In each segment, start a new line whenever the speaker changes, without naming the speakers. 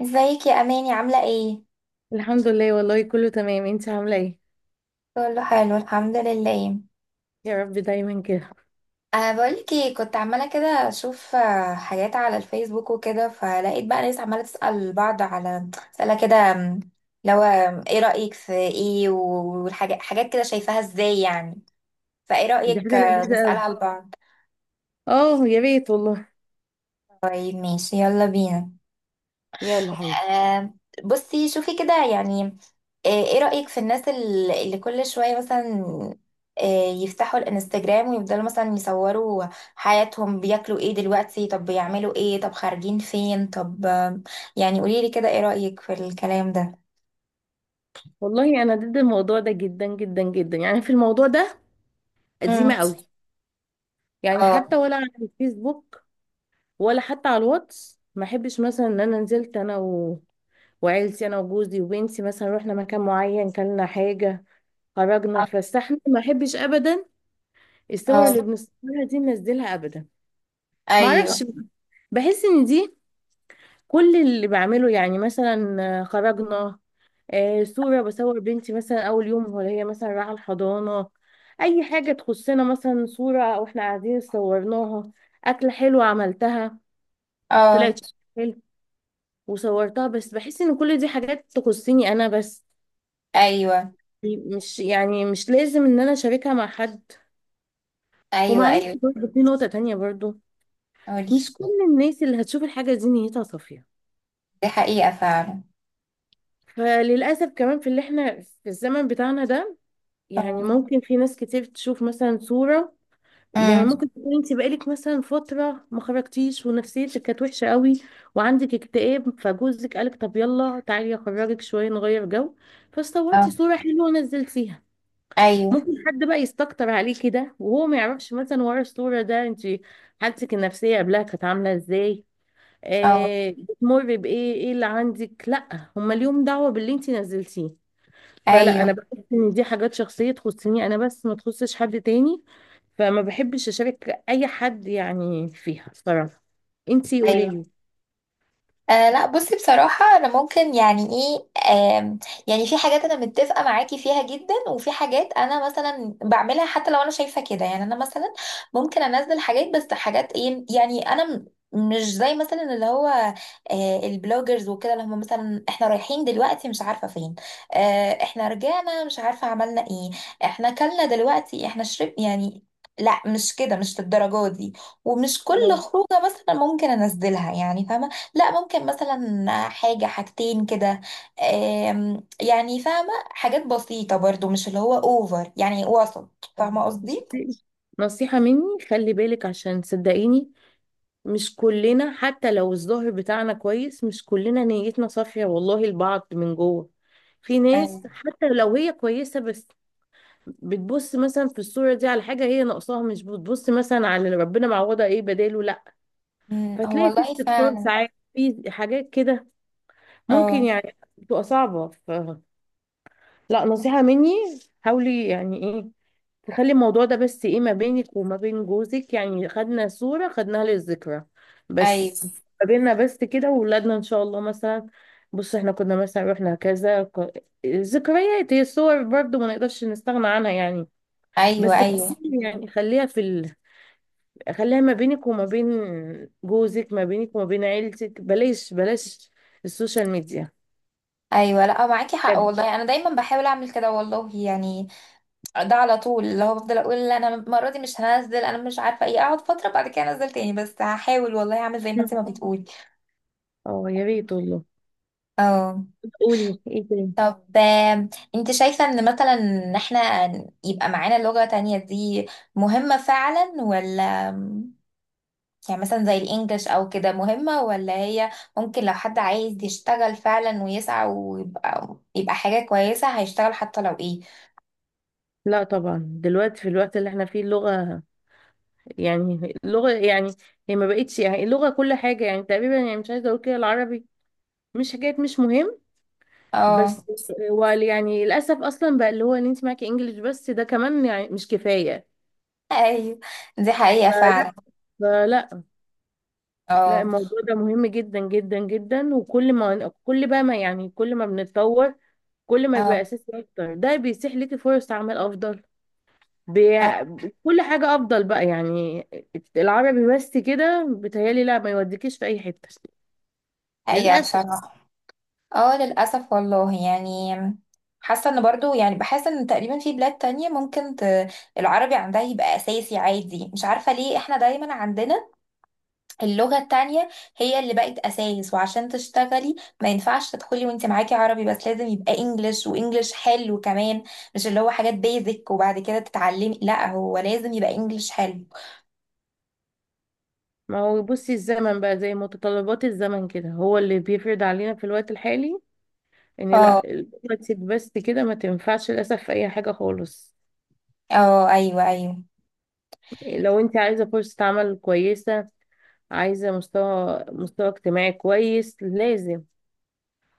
ازيك يا اماني، عامله ايه؟
الحمد لله، والله كله تمام. انت عامله ايه؟
كله حلو الحمد لله.
يا رب دايما كده.
أه، بقولك ايه، كنت عماله كده اشوف حاجات على الفيسبوك وكده، فلقيت بقى ناس عماله تسال بعض على اسئله كده. لو ايه رايك في ايه، والحاجات حاجات كده، شايفاها ازاي يعني؟ فايه
دي
رايك
حاجه لذيذه قوي.
نسالها لبعض.
اه، يا ريت والله.
طيب ماشي، يلا بينا.
يلا حبيبي.
آم، بصي شوفي كده يعني. ايه رأيك في الناس اللي كل شوية مثلا يفتحوا الانستجرام، ويفضلوا مثلا يصوروا حياتهم؟ بياكلوا ايه دلوقتي؟ طب بيعملوا ايه؟ طب خارجين فين؟ طب يعني قوليلي كده، ايه رأيك في الكلام ده؟
والله انا ضد الموضوع ده جدا جدا جدا. يعني في الموضوع ده قديمه
امم.
قوي. يعني
اه.
حتى ولا على الفيسبوك، ولا حتى على الواتس. ما احبش مثلا ان انا نزلت انا وعيلتي، انا وجوزي وبنتي مثلا رحنا مكان معين كلنا، حاجه خرجنا اتفسحنا، ما احبش ابدا الصور اللي
اه،
بنصورها دي ننزلها ابدا. ما اعرفش،
ايوه.
بحس ان دي كل اللي بعمله. يعني مثلا خرجنا، صورة بصور بنتي مثلا أول يوم وهي مثلا رايحة الحضانة، أي حاجة تخصنا مثلا صورة وإحنا قاعدين صورناها، أكلة حلوة عملتها
اه،
طلعت حلو وصورتها. بس بحس إن كل دي حاجات تخصني أنا بس،
ايوه،
مش يعني مش لازم إن أنا أشاركها مع حد.
ايوه،
ومعلش
ايوه.
برضه في نقطة تانية برضه،
قولي.
مش كل الناس اللي هتشوف الحاجة دي نيتها صافية.
دي حقيقة فعلا.
فللأسف كمان في اللي إحنا في الزمن بتاعنا ده، يعني
اه.
ممكن في ناس كتير تشوف مثلا صورة. يعني
امم.
ممكن تكون انت بقالك مثلا فترة ما خرجتيش ونفسيتك كانت وحشة قوي وعندك اكتئاب، فجوزك قالك طب يلا تعالي اخرجك شوية نغير جو، فصورتي
اه،
صورة حلوة ونزلتيها.
ايوه.
ممكن حد بقى يستكتر عليكي ده وهو ما يعرفش مثلا ورا الصورة ده انت حالتك النفسية قبلها كانت عاملة ازاي،
اه،
بتمر بايه، ايه اللي عندك، لا هما ليهم دعوة باللي انت نزلتيه. فلا، انا
ايوه،
بحس ان دي حاجات شخصيه تخصني انا بس، ما تخصش حد تاني. فما بحبش اشارك اي حد يعني فيها الصراحه. انتي قولي
ايوه.
لي.
آه لا، بصي بصراحة، أنا ممكن يعني إيه، آم، يعني في حاجات أنا متفقة معاكي فيها جدا، وفي حاجات أنا مثلا بعملها حتى لو أنا شايفة كده. يعني أنا مثلا ممكن أنزل حاجات، بس حاجات إيه يعني. أنا مش زي مثلا اللي هو البلوجرز وكده، اللي هم مثلا إحنا رايحين دلوقتي مش عارفة فين، إحنا رجعنا مش عارفة عملنا إيه، إحنا أكلنا دلوقتي إحنا شرب يعني. لا مش كده، مش للدرجة دي. ومش كل
تمام.
خروجة مثلا ممكن أنزلها، يعني فاهمة. لا، ممكن مثلا حاجة حاجتين كده، يعني فاهمة، حاجات بسيطة برضو، مش اللي هو اوفر، يعني وسط، فاهمة قصدي؟
نصيحه مني، خلي بالك، عشان صدقيني مش كلنا حتى لو الظاهر بتاعنا كويس مش كلنا نيتنا صافيه والله، البعض من جوه، في
ايوه.
ناس حتى لو هي كويسه بس بتبص مثلا في الصوره دي على حاجه هي ناقصاها، مش بتبص مثلا على اللي ربنا معوضها ايه بداله، لا.
هو
فتلاقي في
والله
استفسار
فعلا.
ساعات في حاجات كده ممكن،
اه،
يعني بتبقى صعبة لا، نصيحة مني، حاولي يعني ايه، تخلي الموضوع ده بس ايه ما بينك وما بين جوزك. يعني خدنا صورة خدناها للذكرى بس،
ايوه،
ما بيننا بس كده، وولادنا ان شاء الله مثلا. بص احنا كنا مثلا رحنا كذا، الذكريات هي الصور برضو ما نقدرش نستغنى عنها يعني.
ايوه.
بس
ايوه،
يعني خليها ما بينك وما بين جوزك، ما بينك وما بين عيلتك، بلاش بلاش السوشيال ميديا.
ايوه. لا معاكي حق
بجد.
والله، انا دايما بحاول اعمل كده والله يعني. ده على طول اللي هو بفضل اقول لا، انا المرة دي مش هنزل، انا مش عارفة ايه، اقعد فترة بعد كده انزل تاني. بس هحاول والله اعمل زي ما
مم.
انت ما بتقولي.
اه، يا ريت والله.
اه.
قولي ايه تاني.
طب انت شايفة ان مثلا ان احنا يبقى معانا لغة تانية دي مهمة فعلا ولا؟ يعني مثلا زي الانجليش او كده، مهمة، ولا هي ممكن لو حد عايز يشتغل فعلا ويسعى ويبقى حاجة كويسة هيشتغل حتى لو ايه.
لا طبعا دلوقتي في الوقت اللي احنا فيه اللغة، يعني اللغة يعني هي ما بقتش، يعني اللغة كل حاجة يعني تقريبا. يعني مش عايزة اقول كده العربي مش حكاية مش مهم،
اه،
بس هو يعني للأسف أصلا بقى اللي هو اللي انت معاكي انجليش بس ده كمان يعني مش كفاية.
ايوه، دي حقيقة فعلا.
فلا فلا لا،
اه.
الموضوع ده مهم جدا جدا جدا. وكل ما كل بقى ما يعني كل ما بنتطور، كل ما بيبقى
اه.
اساسي اكتر، ده بيسيح ليكي فرص عمل افضل بي...
اه.
كل حاجة افضل بقى يعني. العربي بس كده بيتهيألي لا، ما يوديكيش في اي حتة
حقيقة
للأسف.
بصراحة. اه للأسف والله يعني. حاسة ان برضو، يعني بحس ان تقريبا في بلاد تانية ممكن العربي عندها يبقى أساسي عادي. مش عارفة ليه احنا دايما عندنا اللغة التانية هي اللي بقت أساس، وعشان تشتغلي ما ينفعش تدخلي وانت معاكي عربي بس، لازم يبقى انجلش، وانجلش حلو كمان. مش اللي هو حاجات بيزك وبعد كده تتعلمي، لا هو لازم يبقى انجلش حلو.
ما هو بصي، الزمن بقى زي متطلبات الزمن كده هو اللي بيفرض علينا في الوقت الحالي ان لا،
اه.
دلوقتي بس كده ما تنفعش للأسف في اي حاجة خالص.
اه، ايوه، ايوه،
لو انت عايزة فرصة عمل كويسة، عايزة مستوى اجتماعي كويس، لازم.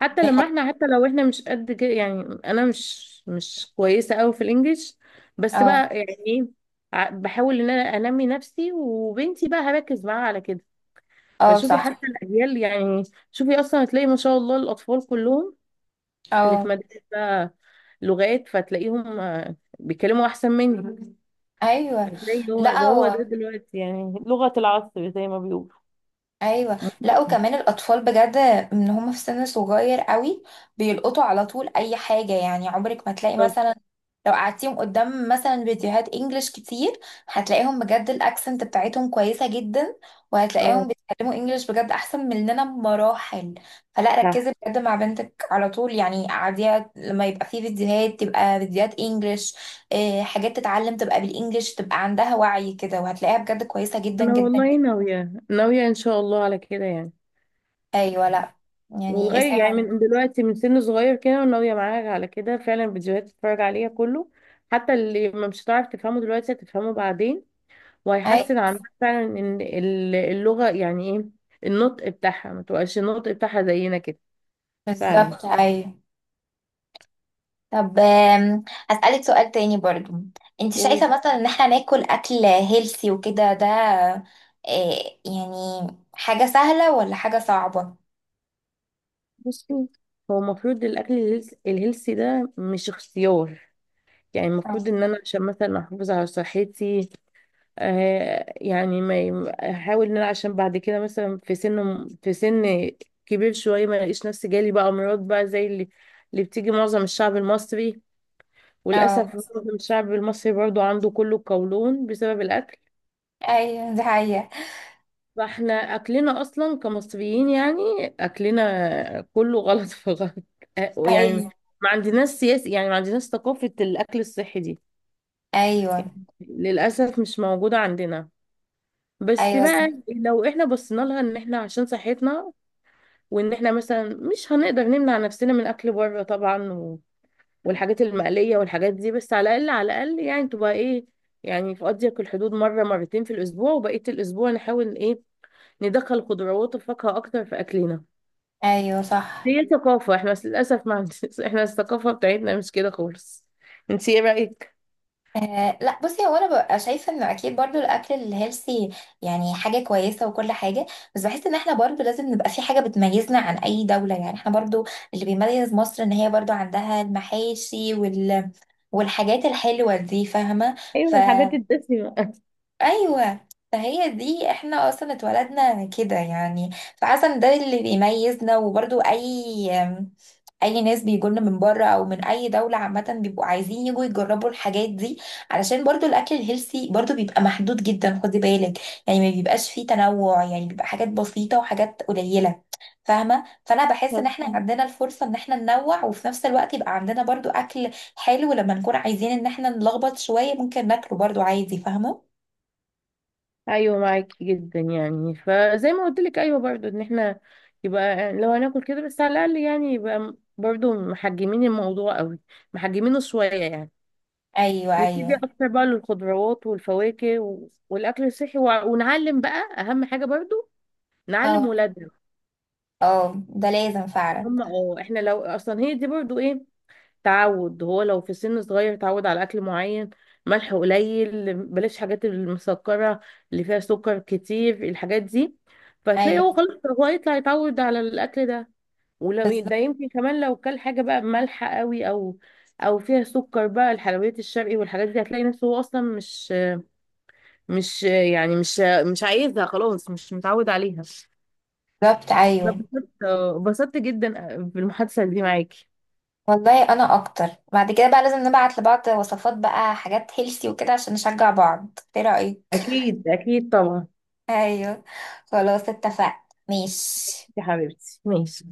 دي حقيقة.
حتى لو احنا مش قد كده. يعني انا مش كويسة قوي في الانجليش، بس
اه.
بقى يعني ايه، بحاول ان انا انمي نفسي، وبنتي بقى هركز معاها على كده.
اه،
فشوفي
صح.
حتى الاجيال يعني، شوفي اصلا هتلاقي ما شاء الله الاطفال كلهم اللي في
اه،
مدرسة لغات، فتلاقيهم بيتكلموا احسن مني.
ايوه،
فتلاقي
لا
هو ده هو ده
هو.
دلوقتي يعني لغة العصر زي ما بيقولوا.
ايوه لا، وكمان الاطفال بجد ان هم في سن صغير قوي بيلقطوا على طول اي حاجه. يعني عمرك ما تلاقي
بالظبط.
مثلا لو قعدتيهم قدام مثلا فيديوهات انجلش كتير، هتلاقيهم بجد الاكسنت بتاعتهم كويسه جدا،
اه،
وهتلاقيهم بيتكلموا انجلش بجد احسن مننا بمراحل. فلا،
صح.
ركزي بجد مع بنتك على طول، يعني قعديها لما يبقى في فيديوهات تبقى فيديوهات انجلش، حاجات تتعلم تبقى بالانجلش، تبقى عندها وعي كده، وهتلاقيها بجد كويسه جدا
انا
جدا.
والله ناويه ناويه ان شاء الله على كده يعني،
ايوه لا. يعني
ولغايه يعني من دلوقتي من سن صغير كده، وناويه معاك على كده فعلا، فيديوهات تتفرج عليها كله، حتى اللي ما مش هتعرف تفهمه دلوقتي هتفهمه بعدين،
اي.
وهيحسن عندك فعلا ان اللغه يعني ايه، النطق بتاعها، ما تبقاش النطق بتاعها زينا كده. فعلا.
بالظبط ايوه. طب هسألك سؤال تاني برضو. انت
وبصي،
شايفة مثلا ان احنا ناكل اكل هيلثي وكده، ده يعني حاجة سهلة ولا حاجة صعبة؟
هو المفروض الاكل الهيلثي ده مش اختيار. يعني المفروض
اه.
ان انا عشان مثلا احافظ على صحتي، يعني ما احاول ان انا عشان بعد كده مثلا في سن كبير شويه، ما الاقيش نفسي جالي بقى امراض بقى زي اللي بتيجي معظم الشعب المصري. وللاسف
اه،
معظم الشعب المصري برضو عنده كله القولون بسبب الاكل.
ايوه، دي حقيقة.
فاحنا اكلنا اصلا كمصريين يعني اكلنا كله غلط في غلط. يعني
ايوه،
ما عندناش سياسة، يعني ما عندناش ثقافه الاكل الصحي دي،
ايوه.
للاسف مش موجوده عندنا. بس
ايوه،
بقى لو احنا بصينا لها ان احنا عشان صحتنا، وان احنا مثلا مش هنقدر نمنع نفسنا من اكل بره طبعا والحاجات المقليه والحاجات دي، بس على الاقل، على الاقل يعني تبقى ايه، يعني في اضيق الحدود مره مرتين في الاسبوع، وبقيه الاسبوع نحاول ايه، ندخل خضروات وفاكهه اكتر في اكلنا.
ايوه، صح.
هي ثقافه احنا بس للاسف ما عندناش. احنا الثقافه بتاعتنا مش كده خالص. انت ايه رايك؟
آه لا، بصي، هو انا ببقى شايفه انه اكيد برضو الاكل الهيلثي يعني حاجه كويسه وكل حاجه. بس بحس ان احنا برضو لازم نبقى في حاجه بتميزنا عن اي دوله، يعني احنا برضو اللي بيميز مصر ان هي برضو عندها المحاشي والحاجات الحلوه دي، فاهمه. ف...
ايوه، الحاجات الدسمه.
ايوه فهي دي، احنا اصلا اتولدنا كده يعني. فحاسه ان ده اللي بيميزنا، وبرضو اي ناس بيجولنا من بره او من اي دوله عامه بيبقوا عايزين يجوا يجربوا الحاجات دي. علشان برضو الاكل الهيلثي برضو بيبقى محدود جدا، خدي بالك. يعني ما بيبقاش فيه تنوع، يعني بيبقى حاجات بسيطه وحاجات قليله، فاهمه. فانا بحس ان احنا عندنا الفرصه ان احنا ننوع، وفي نفس الوقت يبقى عندنا برضو اكل حلو لما نكون عايزين ان احنا نلخبط شويه ممكن ناكله برضو عادي، فاهمه.
ايوه معاكي جدا يعني، فزي ما قلت لك، ايوه برضو ان احنا يبقى لو هناكل كده بس على الاقل، يعني يبقى برضو محجمين الموضوع قوي، محجمينه شويه يعني.
ايوه،
نتجه
ايوه.
اكتر بقى للخضروات والفواكه والاكل الصحي، ونعلم بقى اهم حاجه برضو، نعلم
اه.
ولادنا.
اه، ده لازم فعلا.
هم، اه احنا لو اصلا هي دي برضو ايه، تعود، هو لو في سن صغير تعود على اكل معين، ملح قليل، بلاش حاجات المسكره اللي فيها سكر كتير الحاجات دي، فهتلاقي
ايوه.
هو خلاص هو يطلع يتعود على الاكل ده. ولو ده يمكن كمان لو كل حاجه بقى مالحه قوي، او فيها سكر بقى، الحلويات الشرقي والحاجات دي، هتلاقي نفسه هو اصلا مش يعني مش مش عايزها خلاص، مش متعود عليها.
بالظبط ايوه.
اتبسطت جدا بالمحادثه دي معاكي.
والله انا اكتر بعد كده بقى لازم نبعت لبعض وصفات بقى، حاجات هيلثي وكده عشان نشجع بعض، ايه رأيك؟
أكيد اكيد طبعا.
ايوه، خلاص اتفقنا. ماشي.
يا حبيبتي ماشي.